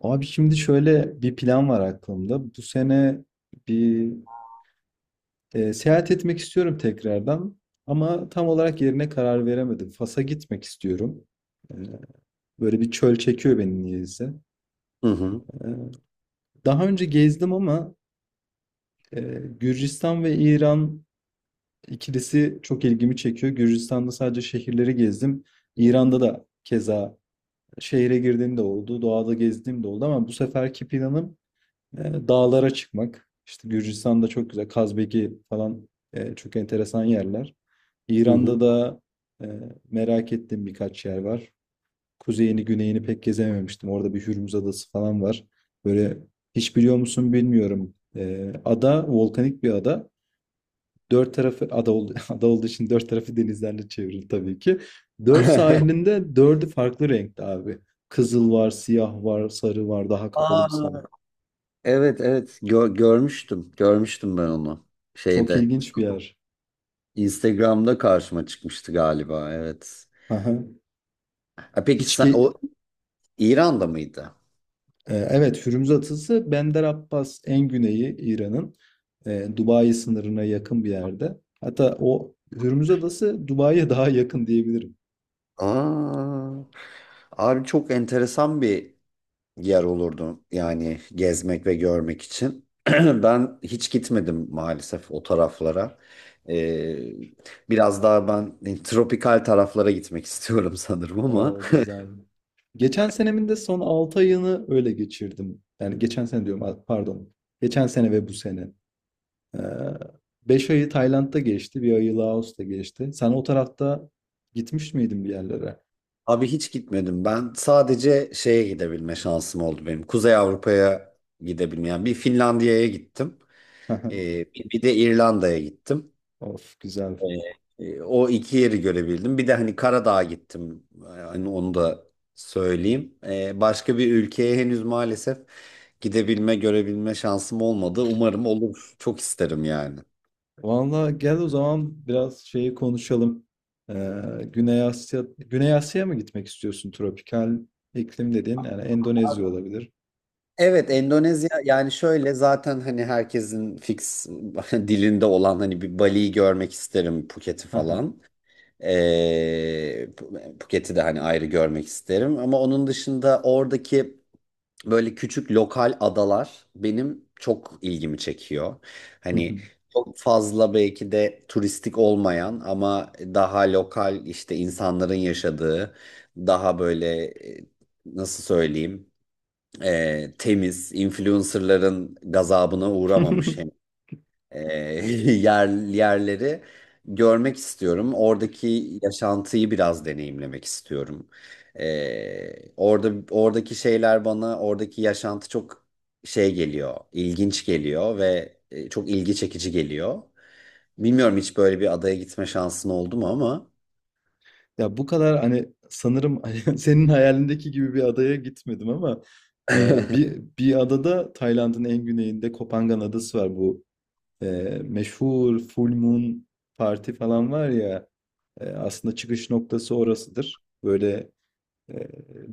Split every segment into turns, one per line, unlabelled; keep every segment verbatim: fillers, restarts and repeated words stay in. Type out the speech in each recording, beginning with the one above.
Abi şimdi şöyle bir plan var aklımda. Bu sene bir e, seyahat etmek istiyorum tekrardan. Ama tam olarak yerine karar veremedim. Fas'a gitmek istiyorum. E, böyle bir çöl çekiyor beni niyeyse.
Hı hı.
E, daha önce gezdim ama e, Gürcistan ve İran ikilisi çok ilgimi çekiyor. Gürcistan'da sadece şehirleri gezdim. İran'da da keza şehre girdiğim de oldu, doğada gezdiğim de oldu ama bu seferki planım E, dağlara çıkmak. İşte Gürcistan'da çok güzel. Kazbeki falan e, çok enteresan yerler.
Hı hı.
İran'da da e, merak ettiğim birkaç yer var. Kuzeyini, güneyini pek gezememiştim. Orada bir Hürmüz Adası falan var. Böyle, hiç biliyor musun bilmiyorum. E, ada volkanik bir ada. Dört tarafı ada, oldu, ada olduğu için dört tarafı denizlerle çevrili tabii ki. Dört sahilinde dördü farklı renkte abi. Kızıl var, siyah var, sarı var, daha kapalı bir sarı.
Aa, evet evet Gö- görmüştüm. Görmüştüm ben onu.
Çok
Şeyde
ilginç bir yer.
Instagram'da karşıma çıkmıştı galiba, evet.
Aha.
Ha, peki
Hiç
sen,
ki
o İran'da mıydı?
e, evet Hürmüz Adası Bender Abbas en güneyi İran'ın, e, Dubai sınırına yakın bir yerde. Hatta o Hürmüz Adası Dubai'ye daha yakın diyebilirim.
Aa, abi çok enteresan bir yer olurdu yani gezmek ve görmek için. Ben hiç gitmedim maalesef o taraflara. Ee, biraz daha ben e, tropikal taraflara gitmek istiyorum sanırım ama
Oo, güzel. Geçen senemin de son 6 ayını öyle geçirdim. Yani geçen sene diyorum, a- pardon. Geçen sene ve bu sene. Ee, 5 ayı Tayland'da geçti. Bir ayı Laos'ta geçti. Sen o tarafta gitmiş miydin bir yerlere?
abi hiç gitmedim ben. Sadece şeye gidebilme şansım oldu benim. Kuzey Avrupa'ya gidebilmeyen, yani bir Finlandiya'ya gittim. Ee, bir bir de İrlanda'ya gittim.
Of,
Ee,
güzel.
e, o iki yeri görebildim. Bir de hani Karadağ'a gittim. Yani onu da söyleyeyim. Ee, başka bir ülkeye henüz maalesef gidebilme, görebilme şansım olmadı. Umarım olur. Çok isterim yani.
Valla gel o zaman biraz şeyi konuşalım. Ee, Güney Asya, Güney Asya'ya mı gitmek istiyorsun? Tropikal iklim dediğin yani Endonezya olabilir.
Evet, Endonezya. Yani şöyle, zaten hani herkesin fix dilinde olan, hani bir Bali'yi görmek isterim, Phuket'i falan. Ee, Ph- Phuket'i de hani ayrı görmek isterim, ama onun dışında oradaki böyle küçük lokal adalar benim çok ilgimi çekiyor. Hani çok fazla belki de turistik olmayan, ama daha lokal, işte insanların yaşadığı, daha böyle e, nasıl söyleyeyim, e, temiz, influencerların gazabına uğramamış hem e, yer yerleri görmek istiyorum. Oradaki yaşantıyı biraz deneyimlemek istiyorum. E, orada oradaki şeyler bana, oradaki yaşantı çok şey geliyor, ilginç geliyor ve e, çok ilgi çekici geliyor. Bilmiyorum, hiç böyle bir adaya gitme şansın oldu mu ama
Ya bu kadar hani, sanırım hani senin hayalindeki gibi bir adaya gitmedim ama e, bir bir adada, Tayland'ın en güneyinde Kopangan Adası var. Bu e, meşhur Full Moon Parti falan var ya, e, aslında çıkış noktası orasıdır. Böyle E,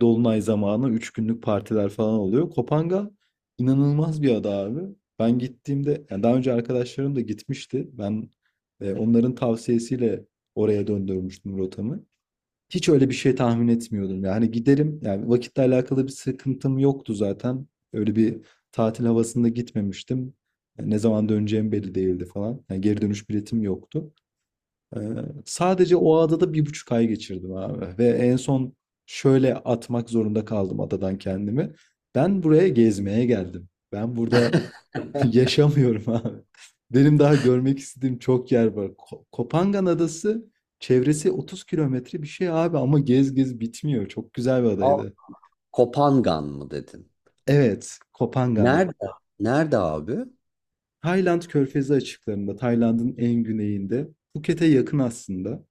Dolunay zamanı üç günlük partiler falan oluyor. Kopanga inanılmaz bir ada abi. Ben gittiğimde, yani daha önce arkadaşlarım da gitmişti. Ben e, onların tavsiyesiyle oraya döndürmüştüm rotamı. Hiç öyle bir şey tahmin etmiyordum. Yani giderim. Yani vakitle alakalı bir sıkıntım yoktu zaten. Öyle bir tatil havasında gitmemiştim. Yani ne zaman döneceğim belli değildi falan. Yani geri dönüş biletim yoktu. Ee, sadece o adada bir buçuk ay geçirdim abi. Ve en son şöyle atmak zorunda kaldım adadan kendimi. Ben buraya gezmeye geldim. Ben burada yaşamıyorum abi. Benim daha görmek istediğim çok yer var. Ko- Kopangan Adası çevresi 30 kilometre bir şey abi, ama gez gez bitmiyor. Çok güzel bir
al,
adaydı.
Kopangan mı dedin?
Evet, Kopangan.
Nerede? Nerede abi?
Tayland Körfezi açıklarında, Tayland'ın en güneyinde. Phuket'e yakın aslında.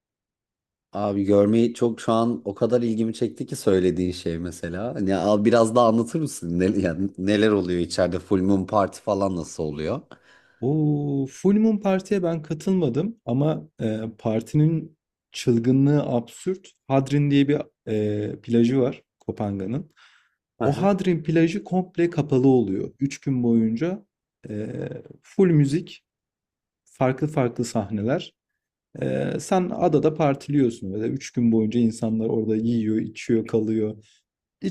Abi görmeyi çok, şu an o kadar ilgimi çekti ki söylediğin şey mesela. Hani al, biraz daha anlatır mısın? Ne, yani neler oluyor içeride? Full Moon Party falan nasıl oluyor?
O Full Moon Parti'ye ben katılmadım, ama e, partinin çılgınlığı absürt. Hadrin diye bir e, plajı var Kopangan'ın. O
Aha.
Hadrin plajı komple kapalı oluyor. Üç gün boyunca e, full müzik, farklı farklı sahneler. E, sen adada partiliyorsun böyle. Üç gün boyunca insanlar orada yiyor, içiyor, kalıyor.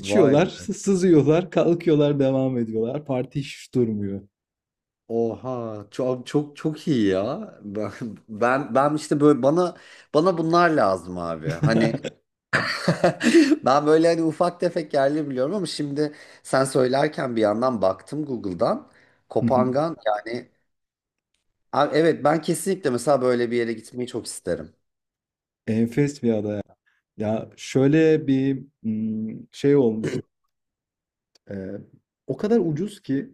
Vay be.
sızıyorlar, kalkıyorlar, devam ediyorlar. Parti hiç durmuyor.
Oha, çok çok çok iyi ya. Ben ben, ben işte böyle bana bana bunlar lazım abi. Hani ben böyle hani ufak tefek yerleri biliyorum, ama şimdi sen söylerken bir yandan baktım Google'dan. Kopangan yani, abi evet, ben kesinlikle mesela böyle bir yere gitmeyi çok isterim.
Enfes bir ada. Ya şöyle bir ım, şey olmuş. e, o kadar ucuz ki,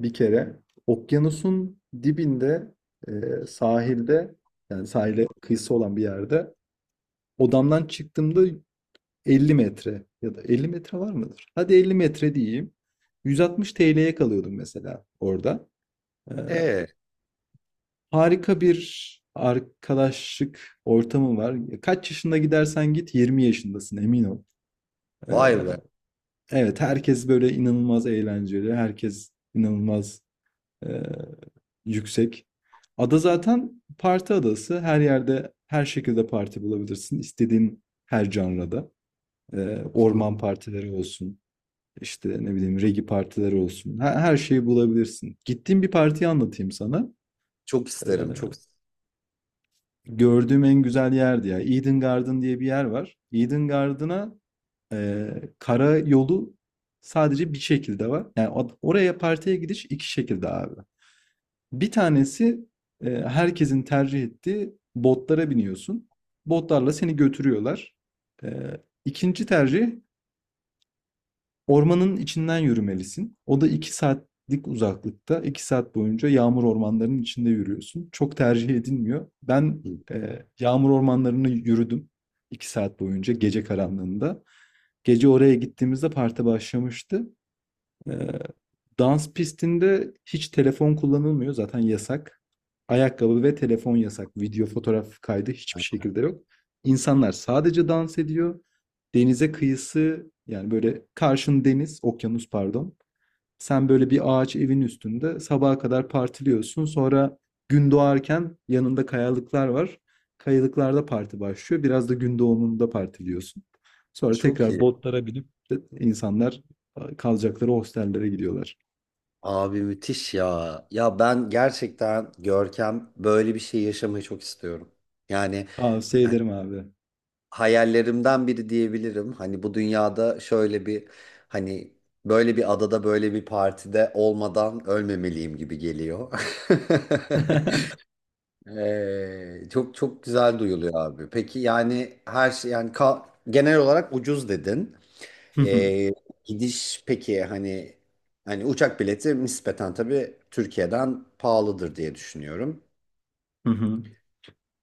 bir kere okyanusun dibinde, e, sahilde, yani sahile kıyısı olan bir yerde odamdan çıktığımda 50 metre, ya da elli metre var mıdır? Hadi elli metre diyeyim. yüz altmış T L'ye kalıyordum mesela orada. E,
E,
harika bir arkadaşlık ortamı var. Kaç yaşında gidersen git, yirmi yaşındasın, emin ol.
vay be.
Evet, herkes böyle inanılmaz eğlenceli, herkes inanılmaz eee, yüksek. Ada zaten parti adası. Her yerde, her şekilde parti bulabilirsin. İstediğin her janrada. Eee,
Çok
orman partileri olsun, işte ne bileyim regi partileri olsun. Her, her şeyi bulabilirsin. Gittiğim bir partiyi anlatayım sana.
isterim. Çok
Eee, gördüğüm en güzel yerdi ya. Eden Garden diye bir yer var. Eden Garden'a. Ee, kara yolu sadece bir şekilde var. Yani oraya partiye gidiş iki şekilde abi. Bir tanesi, e, herkesin tercih ettiği, botlara biniyorsun. Botlarla seni götürüyorlar. Ee, ikinci tercih, ormanın içinden yürümelisin. O da iki saatlik uzaklıkta. iki saat boyunca yağmur ormanlarının içinde yürüyorsun. Çok tercih edilmiyor. Ben
isterim.
e, yağmur ormanlarını yürüdüm. iki saat boyunca, gece karanlığında. Gece oraya gittiğimizde parti başlamıştı. Ee, dans pistinde hiç telefon kullanılmıyor. Zaten yasak. Ayakkabı ve telefon yasak. Video, fotoğraf kaydı hiçbir şekilde yok. İnsanlar sadece dans ediyor. Denize kıyısı, yani böyle karşın deniz, okyanus pardon. Sen böyle bir ağaç evin üstünde sabaha kadar partiliyorsun. Sonra gün doğarken yanında kayalıklar var. Kayalıklarda parti başlıyor. Biraz da gün doğumunda partiliyorsun. Sonra
Çok
tekrar
iyi.
botlara binip de insanlar e, kalacakları hostellere gidiyorlar.
Abi müthiş ya. Ya ben gerçekten Görkem böyle bir şey yaşamayı çok istiyorum. Yani
Tavsiye
hani
ederim abi.
hayallerimden biri diyebilirim. Hani bu dünyada şöyle bir, hani böyle bir adada, böyle bir partide olmadan ölmemeliyim gibi geliyor. Ee, çok çok güzel duyuluyor abi. Peki yani, her şey yani, ka- genel olarak ucuz dedin.
Hı hı,
Ee, gidiş peki, hani hani uçak bileti nispeten tabii Türkiye'den pahalıdır diye düşünüyorum.
hı hı.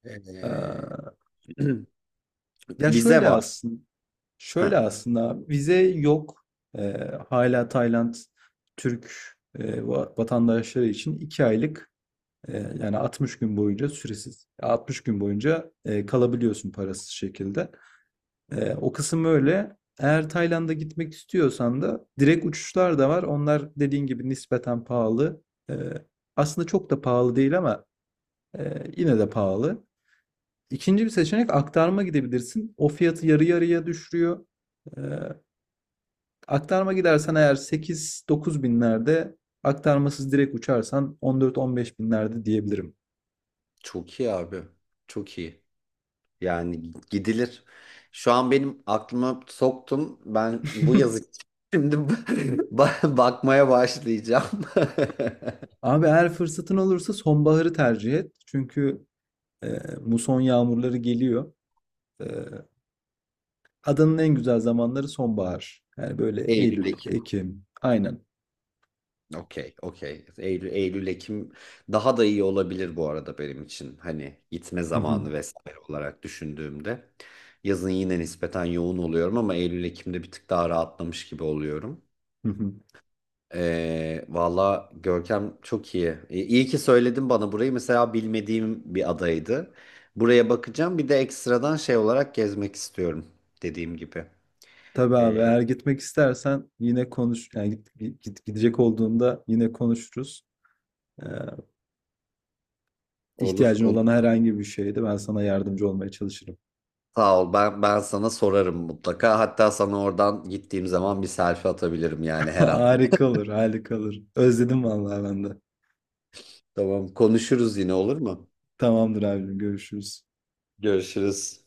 Ee,
Ee, Ya
vize
şöyle
var.
aslında, şöyle
Ha,
aslında abi, vize yok. Ee, hala Tayland Türk e, va- vatandaşları için iki aylık, E, yani altmış gün boyunca süresiz. altmış gün boyunca e, kalabiliyorsun parasız şekilde. E, o kısım öyle. Eğer Tayland'a gitmek istiyorsan da direkt uçuşlar da var. Onlar dediğin gibi nispeten pahalı. E, aslında çok da pahalı değil ama e, yine de pahalı. İkinci bir seçenek, aktarma gidebilirsin. O fiyatı yarı yarıya düşürüyor. E, aktarma gidersen eğer sekiz dokuz binlerde, aktarmasız direkt uçarsan on dört on beş binlerde diyebilirim.
çok iyi abi. Çok iyi. Yani gidilir. Şu an benim aklıma soktum. Ben bu yazı şimdi ba- bakmaya başlayacağım.
Abi eğer fırsatın olursa sonbaharı tercih et. Çünkü e, muson yağmurları geliyor. E, adanın en güzel zamanları sonbahar. Yani böyle
Eylül,
Eylül,
Ekim.
Ekim. Aynen.
Okey, okey. Eylül, Eylül, Ekim daha da iyi olabilir bu arada benim için. Hani gitme
Hı hı,
zamanı vesaire olarak düşündüğümde. Yazın yine nispeten yoğun oluyorum, ama Eylül, Ekim'de bir tık daha rahatlamış gibi oluyorum.
hı hı.
Ee, valla Görkem çok iyi. Ee, İyi ki söyledin bana burayı. Mesela bilmediğim bir adaydı. Buraya bakacağım. Bir de ekstradan şey olarak gezmek istiyorum, dediğim gibi.
Tabii abi,
Ee,
eğer gitmek istersen yine konuş. Yani git- git- gidecek olduğunda yine konuşuruz. E,
olur,
ihtiyacın
olur.
olan herhangi bir şeyde ben sana yardımcı olmaya çalışırım.
Sağ ol. Ben ben sana sorarım mutlaka. Hatta sana oradan gittiğim zaman bir selfie atabilirim yani her an.
Harika olur, harika olur. Özledim vallahi ben de.
Tamam, konuşuruz yine, olur mu?
Tamamdır abicim, görüşürüz.
Görüşürüz.